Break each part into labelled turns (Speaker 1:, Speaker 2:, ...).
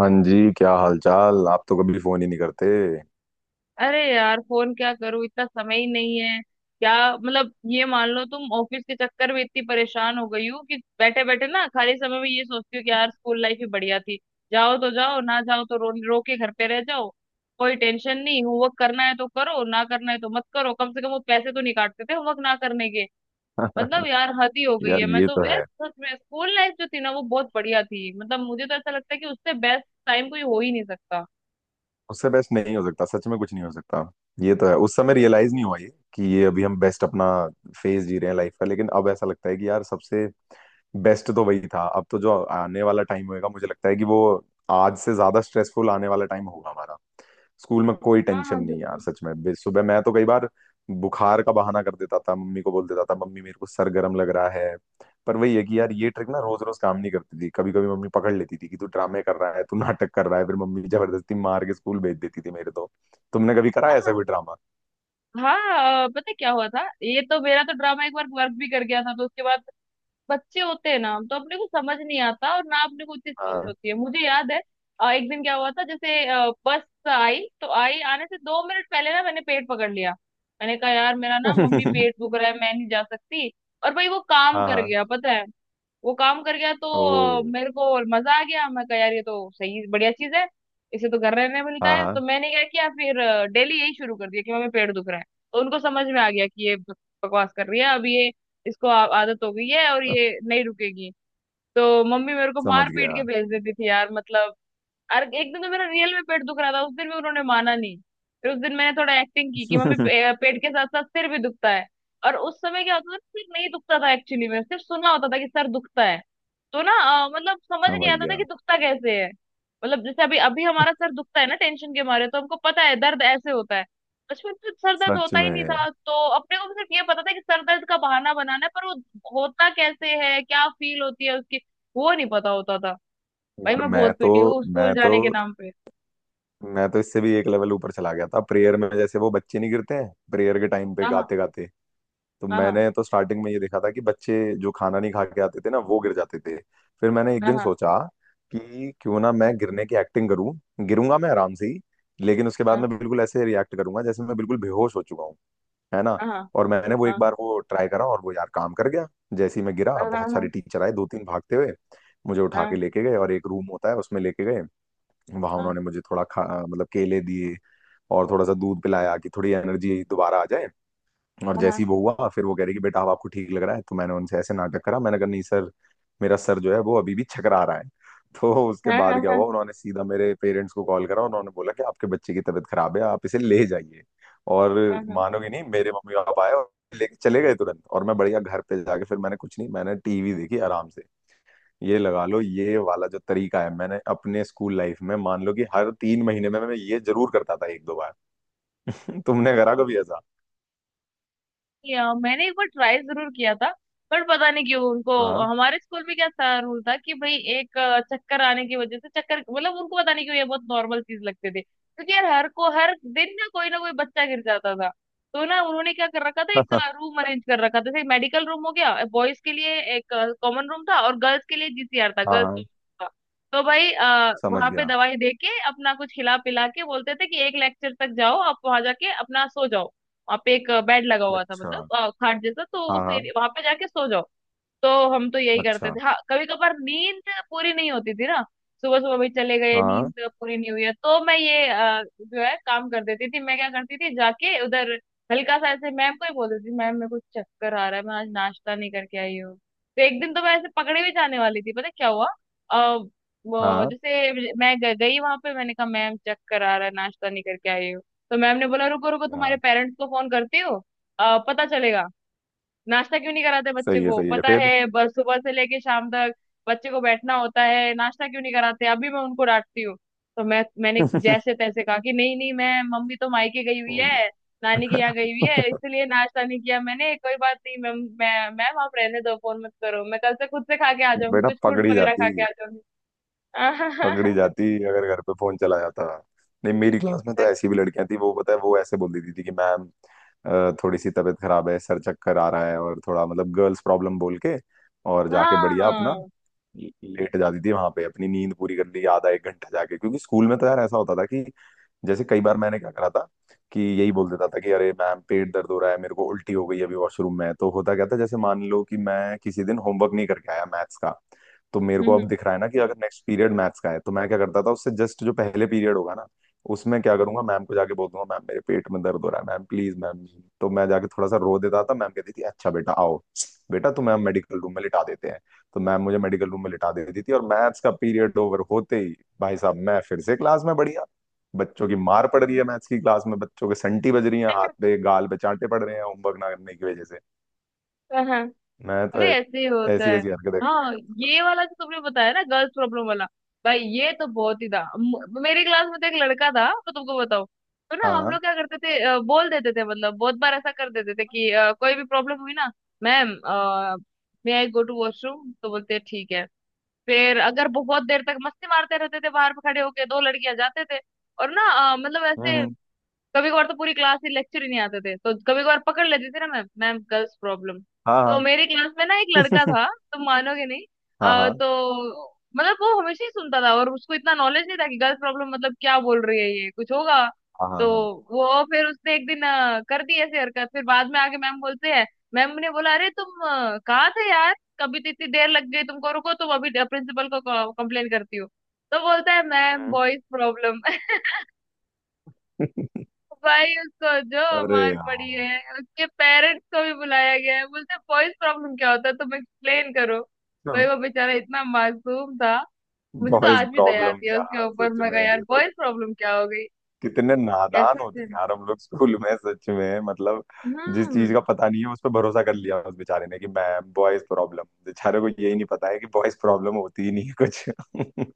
Speaker 1: हाँ जी, क्या हालचाल। आप तो कभी फोन ही नहीं करते।
Speaker 2: अरे यार फोन क्या करूं, इतना समय ही नहीं है। क्या मतलब, ये मान लो तुम ऑफिस के चक्कर में इतनी परेशान हो गई हो कि बैठे बैठे ना खाली समय में ये सोचती हो कि यार स्कूल लाइफ ही बढ़िया थी। जाओ तो जाओ, ना जाओ तो रो रो के घर पे रह जाओ। कोई टेंशन नहीं, होमवर्क करना है तो करो, ना करना है तो मत करो, कम से कम वो पैसे तो नहीं काटते थे होमवर्क ना करने के। मतलब यार हद ही हो गई
Speaker 1: यार,
Speaker 2: है। मैं
Speaker 1: ये
Speaker 2: तो
Speaker 1: तो
Speaker 2: यार
Speaker 1: है।
Speaker 2: सच में स्कूल लाइफ जो थी ना वो बहुत बढ़िया थी, मतलब मुझे तो ऐसा लगता है कि उससे बेस्ट टाइम कोई हो ही नहीं सकता।
Speaker 1: उससे बेस्ट नहीं हो सकता, सच में कुछ नहीं हो सकता। ये तो है, उस समय रियलाइज नहीं हुआ ये कि ये अभी हम बेस्ट अपना फेज जी रहे हैं लाइफ का। लेकिन अब ऐसा लगता है कि यार सबसे बेस्ट तो वही था। अब तो जो आने वाला टाइम होएगा, मुझे लगता है कि वो आज से ज्यादा स्ट्रेसफुल आने वाला टाइम होगा हमारा। स्कूल में कोई
Speaker 2: हाँ,
Speaker 1: टेंशन
Speaker 2: हाँ,
Speaker 1: नहीं यार,
Speaker 2: बिल्कुल।
Speaker 1: सच में। सुबह मैं तो कई बार बुखार का बहाना कर देता था, मम्मी को बोल देता था, मम्मी मेरे को सर गर्म लग रहा है। पर वही है कि यार ये ट्रिक ना रोज रोज काम नहीं करती थी। कभी कभी मम्मी पकड़ लेती थी कि तू ड्रामे कर रहा है, तू नाटक कर रहा है। फिर मम्मी जबरदस्ती मार के स्कूल भेज देती थी मेरे तो। तुमने कभी करा है ऐसा
Speaker 2: हाँ।
Speaker 1: कोई ड्रामा?
Speaker 2: हाँ, पता है क्या हुआ था? ये तो मेरा तो ड्रामा एक बार वर्क भी कर गया था, तो उसके बाद बच्चे होते हैं ना तो अपने को समझ नहीं आता, और ना अपने को उतनी समझ
Speaker 1: हाँ।
Speaker 2: होती है। मुझे याद है एक दिन क्या हुआ था जैसे बस आई तो आई, आने से 2 मिनट पहले ना मैंने पेट पकड़ लिया। मैंने कहा यार मेरा ना, मम्मी पेट दुख रहा है, मैं नहीं जा सकती। और भाई वो काम
Speaker 1: हाँ
Speaker 2: कर
Speaker 1: हाँ।
Speaker 2: गया, पता है? वो काम कर गया, तो
Speaker 1: ओ।
Speaker 2: मेरे को मजा आ गया। मैं कहा यार ये तो सही बढ़िया चीज है, इसे तो घर रहने मिलता
Speaker 1: हाँ
Speaker 2: है। तो
Speaker 1: हाँ।
Speaker 2: मैंने क्या किया फिर, डेली यही शुरू कर दिया कि मम्मी पेट दुख रहा है। तो उनको समझ में आ गया कि ये बकवास कर रही है, अब ये, आदत हो गई है और ये नहीं रुकेगी। तो मम्मी मेरे को
Speaker 1: समझ
Speaker 2: मार पीट के
Speaker 1: गया।
Speaker 2: भेज देती थी यार, मतलब। और एक दिन तो मेरा रियल में पेट दुख रहा था, उस दिन भी उन्होंने माना नहीं। फिर उस दिन मैंने थोड़ा एक्टिंग की कि मम्मी पेट के साथ साथ सिर भी दुखता है। और उस समय क्या होता था, सिर नहीं दुखता था एक्चुअली में, सिर्फ सुना होता था कि सर दुखता है, तो ना, मतलब समझ नहीं
Speaker 1: समझ
Speaker 2: आता था
Speaker 1: गया।
Speaker 2: कि दुखता कैसे है। मतलब जैसे अभी अभी हमारा सर दुखता है ना टेंशन के मारे, तो हमको पता है दर्द ऐसे होता है। बचपन में सर दर्द
Speaker 1: सच
Speaker 2: होता ही नहीं
Speaker 1: में।
Speaker 2: था, तो अपने को सिर्फ ये पता था कि सर दर्द का बहाना बनाना है, पर वो होता कैसे है, क्या फील होती है उसकी, वो नहीं पता होता था। भाई
Speaker 1: और
Speaker 2: मैं बहुत पीटी हूँ स्कूल
Speaker 1: मैं तो
Speaker 2: जाने के नाम पे।
Speaker 1: मैं तो इससे भी एक लेवल ऊपर चला गया था प्रेयर में। जैसे वो बच्चे नहीं गिरते हैं प्रेयर के टाइम पे
Speaker 2: हाँ,
Speaker 1: गाते गाते, तो
Speaker 2: हाँ, हाँ,
Speaker 1: मैंने तो स्टार्टिंग में ये देखा था कि बच्चे जो खाना नहीं खा के आते थे ना वो गिर जाते थे। फिर मैंने एक दिन
Speaker 2: हाँ,
Speaker 1: सोचा कि क्यों ना मैं गिरने की एक्टिंग करूं। गिरूंगा मैं आराम से ही, लेकिन उसके बाद
Speaker 2: हाँ,
Speaker 1: मैं बिल्कुल ऐसे रिएक्ट करूंगा जैसे मैं बिल्कुल बेहोश हो चुका हूँ, है ना।
Speaker 2: हाँ, हाँ,
Speaker 1: और मैंने वो एक
Speaker 2: हाँ,
Speaker 1: बार वो ट्राई करा और वो यार काम कर गया। जैसे ही मैं गिरा,
Speaker 2: हाँ,
Speaker 1: बहुत सारे
Speaker 2: हाँ,
Speaker 1: टीचर आए, दो तीन भागते हुए। मुझे
Speaker 2: हाँ,
Speaker 1: उठा के
Speaker 2: हाँ,
Speaker 1: लेके गए और एक रूम होता है उसमें लेके गए। वहां
Speaker 2: हाँ,
Speaker 1: उन्होंने मुझे थोड़ा खा, मतलब केले दिए और थोड़ा सा दूध पिलाया कि थोड़ी एनर्जी दोबारा आ जाए। और जैसे ही वो हुआ, फिर वो कह रही कि बेटा अब आपको ठीक लग रहा है? तो मैंने उनसे ऐसे नाटक करा, मैंने कहा नहीं सर, मेरा सर जो है वो अभी भी छकरा रहा है। तो उसके
Speaker 2: हाँ,
Speaker 1: बाद
Speaker 2: हाँ,
Speaker 1: क्या
Speaker 2: हाँ,
Speaker 1: हुआ, उन्होंने सीधा मेरे पेरेंट्स को कॉल करा, उन्होंने बोला कि आपके बच्चे की तबीयत खराब है, आप इसे ले जाइए। और
Speaker 2: हाँ।
Speaker 1: मानोगे नहीं, मेरे मम्मी पापा आए और लेके चले गए तुरंत। और मैं बढ़िया घर पे जाके फिर मैंने कुछ नहीं, मैंने टीवी देखी आराम से। ये लगा लो, ये वाला जो तरीका है मैंने अपने स्कूल लाइफ में, मान लो कि हर 3 महीने में मैं ये जरूर करता था एक दो बार। तुमने करा कभी ऐसा?
Speaker 2: मैंने एक बार ट्राई जरूर किया था, पर पता नहीं क्यों उनको।
Speaker 1: हाँ।
Speaker 2: हमारे स्कूल में क्या था, रूल था कि भाई एक चक्कर आने की वजह से, चक्कर मतलब, उनको पता नहीं क्यों ये बहुत नॉर्मल चीज लगते थे, क्योंकि यार हर को हर दिन ना कोई बच्चा गिर जाता था। तो ना उन्होंने क्या कर रखा था, एक
Speaker 1: हाँ
Speaker 2: रूम अरेंज कर रखा था जैसे मेडिकल रूम हो गया। बॉयज के लिए एक कॉमन रूम था और गर्ल्स के लिए जीसीआर था,
Speaker 1: हाँ।
Speaker 2: गर्ल्स था। तो भाई
Speaker 1: समझ
Speaker 2: वहां पे
Speaker 1: गया।
Speaker 2: दवाई दे के अपना कुछ खिला पिला के बोलते थे कि एक लेक्चर तक जाओ, आप वहां जाके अपना सो जाओ। वहां पे एक बेड लगा हुआ था,
Speaker 1: अच्छा।
Speaker 2: मतलब खाट जैसा, तो
Speaker 1: हाँ
Speaker 2: उस
Speaker 1: हाँ।
Speaker 2: वहां पे जाके सो जाओ। तो हम तो यही करते
Speaker 1: अच्छा।
Speaker 2: थे। हाँ, कभी कभार नींद पूरी नहीं होती थी ना, सुबह सुबह भी चले गए,
Speaker 1: हाँ
Speaker 2: नींद पूरी नहीं हुई है, तो मैं ये जो है काम कर देती थी। मैं क्या करती थी, जाके उधर हल्का सा ऐसे मैम को ही बोल देती थी, मैम मेरे को चक्कर आ रहा है, मैं आज नाश्ता नहीं करके आई हूँ। तो एक दिन तो मैं ऐसे पकड़े भी जाने वाली थी, पता है क्या हुआ? आ, वो
Speaker 1: हाँ
Speaker 2: जैसे मैं गई वहां पे, मैंने कहा मैम चक्कर आ रहा है, नाश्ता नहीं करके आई हूँ। तो मैम ने बोला रुको रुको, तुम्हारे
Speaker 1: हाँ।
Speaker 2: पेरेंट्स को फोन करती हो, पता चलेगा नाश्ता क्यों नहीं कराते बच्चे
Speaker 1: सही है
Speaker 2: को,
Speaker 1: सही है,
Speaker 2: पता
Speaker 1: फिर?
Speaker 2: है बस सुबह से लेके शाम तक बच्चे को बैठना होता है, नाश्ता क्यों नहीं कराते, अभी मैं उनको डांटती हूँ। तो मैंने जैसे तैसे कहा कि नहीं नहीं, मैं मम्मी तो मायके गई हुई है, नानी के यहाँ गई हुई है, इसलिए नाश्ता नहीं किया मैंने, कोई बात नहीं मैम, मैं मैम आप रहने दो, फोन मत करो, मैं कल से खुद से खा के आ जाऊंगी,
Speaker 1: बेटा
Speaker 2: कुछ फ्रूट्स
Speaker 1: पकड़ी
Speaker 2: वगैरह खा
Speaker 1: जाती,
Speaker 2: के आ जाऊंगी।
Speaker 1: पकड़ी जाती अगर घर पे फोन चला जाता। नहीं, मेरी क्लास में तो ऐसी भी लड़कियां थी, वो पता है वो ऐसे बोल देती थी कि मैम थोड़ी सी तबीयत खराब है, सर चक्कर आ रहा है और थोड़ा मतलब गर्ल्स प्रॉब्लम बोल के, और जाके बढ़िया अपना
Speaker 2: हाँ।
Speaker 1: लेट जाती थी वहां पे, अपनी नींद पूरी कर ली आधा एक घंटा जाके। क्योंकि स्कूल में तो यार ऐसा होता था कि जैसे कई बार मैंने क्या करा था कि यही बोल देता था कि अरे मैम पेट दर्द हो रहा है, मेरे को उल्टी हो गई है अभी वॉशरूम में। तो होता क्या था, जैसे मान लो कि मैं किसी दिन होमवर्क नहीं करके आया मैथ्स का, तो मेरे को
Speaker 2: हम्म,
Speaker 1: अब दिख रहा है ना कि अगर नेक्स्ट पीरियड मैथ्स का है तो मैं क्या करता था, उससे जस्ट जो पहले पीरियड होगा ना उसमें क्या करूंगा, मैम को जाके बोल दूंगा मैम मेरे पेट में दर्द हो रहा है, मैम प्लीज मैम। तो मैं जाके थोड़ा सा रो देता था, मैम कहती थी अच्छा बेटा आओ, बेटा तुम्हें हम मेडिकल रूम में लिटा देते हैं। तो मैम मुझे मेडिकल रूम में लिटा देती थी, और मैथ्स का पीरियड ओवर होते ही भाई साहब मैं फिर से क्लास में बढ़िया। बच्चों की मार पड़ रही है मैथ्स की क्लास में, बच्चों के संटी बज रही है, हाथ पे गाल पे चांटे पड़ रहे हैं होमवर्क ना करने की वजह से,
Speaker 2: हाँ।
Speaker 1: मैं तो
Speaker 2: अरे ऐसे ही होता।
Speaker 1: ऐसी ऐसी हरकतें कर
Speaker 2: हाँ,
Speaker 1: लिया
Speaker 2: ये वाला जो तुमने बताया ना गर्ल्स प्रॉब्लम वाला, भाई ये तो बहुत ही था। मेरी क्लास में तो एक लड़का था, मैं तुमको बताऊं। तो ना
Speaker 1: करता।
Speaker 2: हम
Speaker 1: हाँ।
Speaker 2: लोग क्या करते थे, बोल देते थे, मतलब बहुत बार ऐसा कर देते थे कि कोई भी प्रॉब्लम हुई ना, ma'am may I go to washroom, तो बोलते हैं, ठीक है। फिर अगर बहुत देर तक मस्ती मारते रहते थे बाहर पे खड़े होके, दो लड़कियां जाते थे, और ना मतलब
Speaker 1: हम्म
Speaker 2: ऐसे,
Speaker 1: हम्म,
Speaker 2: कभी कभार तो पूरी क्लास ही लेक्चर ही नहीं आते थे, तो कभी कभार पकड़ लेती थी ना मैम, मैम गर्ल्स प्रॉब्लम।
Speaker 1: हाँ
Speaker 2: तो
Speaker 1: हाँ।
Speaker 2: मेरी क्लास में ना एक लड़का था, तुम मानोगे नहीं।
Speaker 1: हाँ हाँ
Speaker 2: तो मतलब वो हमेशा ही सुनता था, और उसको इतना नॉलेज नहीं था कि गर्ल्स प्रॉब्लम मतलब क्या बोल रही है ये, कुछ होगा।
Speaker 1: हाँ
Speaker 2: तो
Speaker 1: हाँ हाँ।
Speaker 2: वो फिर उसने एक दिन कर दी ऐसी हरकत, फिर बाद में आके मैम बोलते हैं, मैम ने बोला अरे तुम कहाँ थे यार, कभी तो इतनी देर लग गई तुमको, रुको तुम अभी प्रिंसिपल को कंप्लेन करती हो। तो बोलता है मैम
Speaker 1: हम्म।
Speaker 2: Boys problem. भाई उसको जो
Speaker 1: अरे
Speaker 2: मार पड़ी
Speaker 1: यार,
Speaker 2: है, उसके पेरेंट्स को भी बुलाया गया है, बोलते वॉइस प्रॉब्लम क्या होता है तुम एक्सप्लेन करो। भाई वो बेचारा इतना मासूम था, मुझे तो
Speaker 1: बॉयज
Speaker 2: आज भी दया
Speaker 1: प्रॉब्लम
Speaker 2: आती है उसके
Speaker 1: यार
Speaker 2: ऊपर,
Speaker 1: सच
Speaker 2: मैं
Speaker 1: में,
Speaker 2: कहा यार
Speaker 1: ये तो।
Speaker 2: वॉइस प्रॉब्लम क्या हो गई,
Speaker 1: कितने
Speaker 2: ऐसे
Speaker 1: नादान होते
Speaker 2: ऐसे।
Speaker 1: हैं यार हम लोग स्कूल में, सच में मतलब। जिस चीज
Speaker 2: हम्म।
Speaker 1: का पता नहीं है उस पर भरोसा कर लिया उस बेचारे ने कि मैम बॉयज प्रॉब्लम। बेचारे को यही नहीं पता है कि बॉयज प्रॉब्लम होती ही नहीं है कुछ।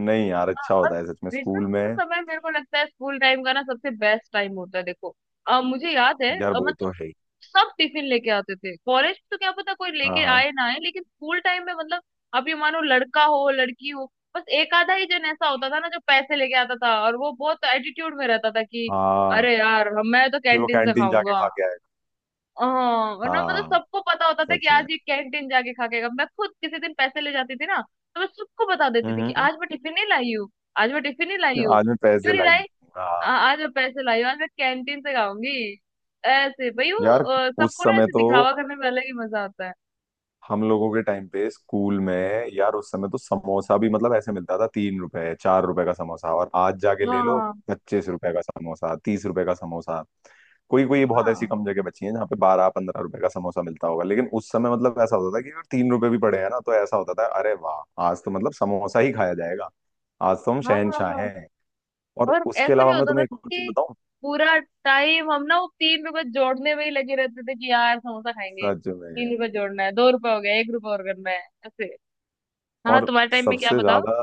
Speaker 1: नहीं यार, अच्छा
Speaker 2: और
Speaker 1: होता है सच में
Speaker 2: क्रिसमस
Speaker 1: स्कूल में।
Speaker 2: का समय, मेरे को लगता है स्कूल टाइम का ना सबसे बेस्ट टाइम होता है, देखो मुझे याद है
Speaker 1: यार वो
Speaker 2: मतलब
Speaker 1: तो है ही।
Speaker 2: सब टिफिन लेके आते थे। कॉलेज तो क्या पता कोई
Speaker 1: हाँ
Speaker 2: लेके
Speaker 1: हाँ
Speaker 2: आए ना आए, लेकिन स्कूल टाइम में, मतलब आप ये मानो लड़का हो लड़की हो, बस एक आधा ही जन ऐसा होता था ना जो पैसे लेके आता था, और वो बहुत एटीट्यूड में रहता था कि
Speaker 1: हाँ।
Speaker 2: अरे यार, मैं तो
Speaker 1: कि वो
Speaker 2: कैंटीन से
Speaker 1: कैंटीन जाके
Speaker 2: खाऊंगा।
Speaker 1: खा के आएगा।
Speaker 2: हाँ। और ना मतलब
Speaker 1: हाँ।
Speaker 2: सबको पता होता था कि
Speaker 1: सच में।
Speaker 2: आज ये कैंटीन जाके खा के आएगा। मैं खुद किसी दिन पैसे ले जाती थी ना, तो मैं सबको बता देती थी कि
Speaker 1: हम्म।
Speaker 2: आज मैं टिफिन नहीं लाई हूँ, आज मैं टिफिन नहीं लाई हूँ,
Speaker 1: आज मैं
Speaker 2: क्यों
Speaker 1: पैसे
Speaker 2: नहीं
Speaker 1: लाई।
Speaker 2: लाई,
Speaker 1: हाँ
Speaker 2: आज मैं पैसे लाई हूँ, आज मैं कैंटीन से खाऊंगी, ऐसे भाई वो
Speaker 1: यार, उस
Speaker 2: सबको ना
Speaker 1: समय
Speaker 2: ऐसे
Speaker 1: तो
Speaker 2: दिखावा करने में अलग ही मजा आता है।
Speaker 1: हम लोगों के टाइम पे स्कूल में यार, उस समय तो समोसा भी मतलब ऐसे मिलता था, 3 रुपए 4 रुपए का समोसा। और आज जाके ले
Speaker 2: हाँ,
Speaker 1: लो
Speaker 2: हाँ,
Speaker 1: 25 रुपए का समोसा, 30 रुपए का समोसा। कोई कोई बहुत ऐसी कम जगह बची है जहाँ पे 12-15 रुपए का समोसा मिलता होगा, लेकिन उस समय मतलब ऐसा होता था कि अगर 3 रुपए भी पड़े हैं ना तो ऐसा होता था अरे वाह, आज तो मतलब समोसा ही खाया जाएगा, आज तो हम
Speaker 2: हाँ, हाँ,
Speaker 1: शहनशाह
Speaker 2: हाँ।
Speaker 1: हैं। और
Speaker 2: और
Speaker 1: उसके
Speaker 2: ऐसा भी
Speaker 1: अलावा मैं
Speaker 2: होता था ना
Speaker 1: तुम्हें एक और चीज
Speaker 2: कि
Speaker 1: बताऊं।
Speaker 2: पूरा टाइम हम ना वो 3 रुपए जोड़ने में ही लगे रहते थे, कि यार समोसा खाएंगे,
Speaker 1: सच में।
Speaker 2: 3 रुपए जोड़ना है, 2 रुपए हो गया, 1 रुपए और करना है, ऐसे। हाँ,
Speaker 1: और
Speaker 2: तुम्हारे टाइम में क्या
Speaker 1: सबसे
Speaker 2: बताओ।
Speaker 1: ज्यादा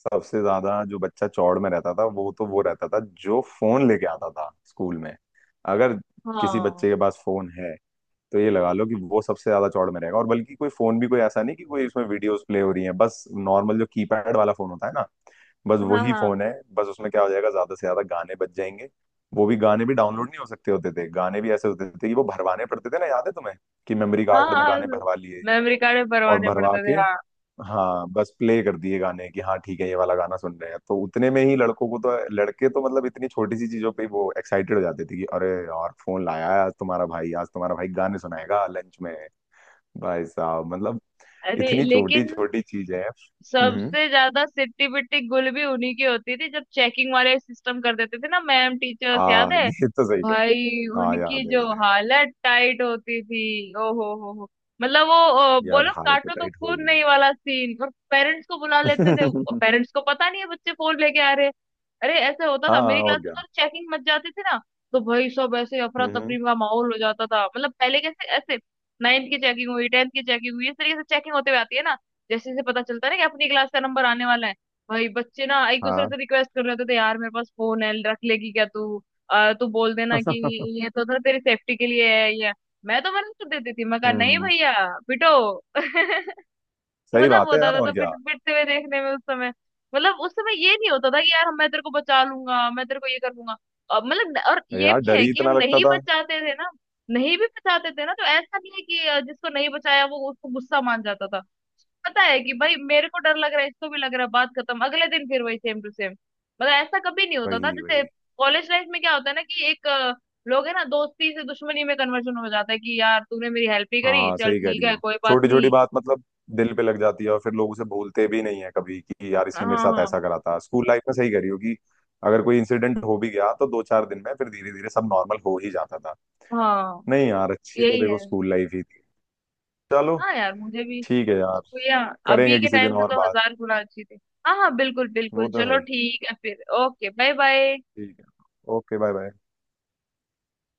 Speaker 1: सबसे ज्यादा जो बच्चा चौड़ में रहता था वो तो वो रहता था जो फोन लेके आता था स्कूल में। अगर किसी
Speaker 2: हाँ,
Speaker 1: बच्चे के पास फोन है तो ये लगा लो कि वो सबसे ज्यादा चौड़ में रहेगा। और बल्कि कोई फोन भी कोई ऐसा नहीं कि कोई उसमें वीडियोस प्ले हो रही है, बस नॉर्मल जो कीपैड वाला फोन होता है ना, बस
Speaker 2: हाँ,
Speaker 1: वही
Speaker 2: हाँ,
Speaker 1: फोन है। बस उसमें क्या हो जाएगा ज्यादा से ज्यादा गाने बज जाएंगे। वो भी गाने भी डाउनलोड नहीं हो सकते होते थे, गाने भी ऐसे होते थे कि वो भरवाने पड़ते थे ना, याद है तुम्हें कि मेमोरी
Speaker 2: हाँ,
Speaker 1: कार्ड में
Speaker 2: हाँ।
Speaker 1: गाने भरवा लिए,
Speaker 2: मेमोरी कार्ड में
Speaker 1: और
Speaker 2: भरवाने
Speaker 1: भरवा
Speaker 2: पड़ते थे,
Speaker 1: के
Speaker 2: हाँ।
Speaker 1: हाँ, बस प्ले कर दिए गाने कि हाँ ठीक है, ये वाला गाना सुन रहे हैं। तो उतने में ही लड़कों को, तो लड़के तो मतलब इतनी छोटी सी चीजों पे ही वो एक्साइटेड हो जाते थे कि अरे यार, फोन लाया है आज तुम्हारा भाई, आज तुम्हारा भाई गाने सुनाएगा लंच में। भाई साहब मतलब
Speaker 2: अरे
Speaker 1: इतनी छोटी
Speaker 2: लेकिन
Speaker 1: छोटी चीजें हैं। हम्म।
Speaker 2: सबसे ज्यादा सिट्टी पिट्टी गुल भी उन्हीं की होती थी, जब चेकिंग वाले सिस्टम कर देते थे ना मैम टीचर्स, याद
Speaker 1: हाँ
Speaker 2: है
Speaker 1: ये तो सही कह रहे
Speaker 2: भाई
Speaker 1: हो। हाँ
Speaker 2: उनकी
Speaker 1: याद है
Speaker 2: जो
Speaker 1: याद है।
Speaker 2: हालत टाइट होती थी, ओ हो हो। मतलब वो
Speaker 1: यार
Speaker 2: बोलो
Speaker 1: हालत तो
Speaker 2: काटो तो
Speaker 1: टाइट हो
Speaker 2: खून
Speaker 1: गई।
Speaker 2: नहीं वाला सीन, और पेरेंट्स को बुला लेते थे। पेरेंट्स को पता नहीं है बच्चे फोन लेके आ रहे हैं। अरे ऐसे होता था, मेरी
Speaker 1: हाँ
Speaker 2: क्लास
Speaker 1: और
Speaker 2: में
Speaker 1: क्या।
Speaker 2: तो चेकिंग मच जाती थी ना, तो भाई सब ऐसे अफरा तफरी
Speaker 1: हम्म
Speaker 2: का माहौल हो जाता था, मतलब पहले कैसे ऐसे नाइन्थ की चेकिंग हुई, टेंथ की चेकिंग हुई, इस तरीके से चेकिंग होते हुए आती है ना, जैसे जैसे पता चलता है ना कि अपनी क्लास का नंबर आने वाला है, भाई बच्चे ना एक दूसरे
Speaker 1: हाँ,
Speaker 2: से रिक्वेस्ट कर रहे होते थे, यार मेरे पास फोन है रख लेगी क्या तू, तू बोल देना कि ये तो ना तेरी सेफ्टी के लिए है, ये है। मैं तो मना कर देती थी, मैं कहा नहीं
Speaker 1: हम्म।
Speaker 2: भैया, पिटो।
Speaker 1: सही
Speaker 2: मजा
Speaker 1: बात है
Speaker 2: बहुत
Speaker 1: यार,
Speaker 2: आता था
Speaker 1: और क्या।
Speaker 2: पिट पिटते हुए देखने में उस समय। मतलब उस समय ये नहीं होता था कि यार मैं तेरे को बचा लूंगा, मैं तेरे को ये कर लूंगा, मतलब। और ये
Speaker 1: यार
Speaker 2: भी
Speaker 1: डर
Speaker 2: है
Speaker 1: ही
Speaker 2: कि हम
Speaker 1: इतना लगता
Speaker 2: नहीं
Speaker 1: था।
Speaker 2: बचाते थे ना, नहीं भी बचाते थे ना तो ऐसा नहीं है कि जिसको नहीं बचाया वो उसको गुस्सा मान जाता था, पता है कि भाई मेरे को डर लग रहा है, इसको भी लग रहा है, बात खत्म। अगले दिन फिर वही सेम टू सेम, मतलब ऐसा कभी नहीं होता था
Speaker 1: वही
Speaker 2: जैसे
Speaker 1: वही।
Speaker 2: कॉलेज लाइफ में क्या होता है ना कि एक लोग है ना, दोस्ती से दुश्मनी में कन्वर्जन हो जाता है कि यार तूने मेरी हेल्प ही करी,
Speaker 1: हाँ
Speaker 2: चल
Speaker 1: सही कह
Speaker 2: ठीक
Speaker 1: रही
Speaker 2: है
Speaker 1: हो,
Speaker 2: कोई बात
Speaker 1: छोटी छोटी
Speaker 2: नहीं।
Speaker 1: बात मतलब दिल पे लग जाती है और फिर लोग उसे भूलते भी नहीं है कभी कि यार
Speaker 2: हाँ,
Speaker 1: इसने मेरे साथ
Speaker 2: हाँ,
Speaker 1: ऐसा करा था स्कूल लाइफ में। सही कह रही हो कि अगर कोई इंसिडेंट हो भी गया तो दो चार दिन में फिर धीरे धीरे सब नॉर्मल हो ही जाता था।
Speaker 2: हाँ,
Speaker 1: नहीं यार, अच्छी तो
Speaker 2: यही
Speaker 1: देखो
Speaker 2: है।
Speaker 1: स्कूल लाइफ ही थी। चलो
Speaker 2: हाँ यार मुझे भी,
Speaker 1: ठीक है यार,
Speaker 2: भैया, अभी
Speaker 1: करेंगे
Speaker 2: के
Speaker 1: किसी दिन
Speaker 2: टाइम से
Speaker 1: और
Speaker 2: तो
Speaker 1: बात।
Speaker 2: 1000 गुना अच्छी थी। हाँ, हाँ, बिल्कुल बिल्कुल,
Speaker 1: वो तो है
Speaker 2: चलो
Speaker 1: ही।
Speaker 2: ठीक है फिर, ओके बाय बाय
Speaker 1: ठीक है। Okay bye bye.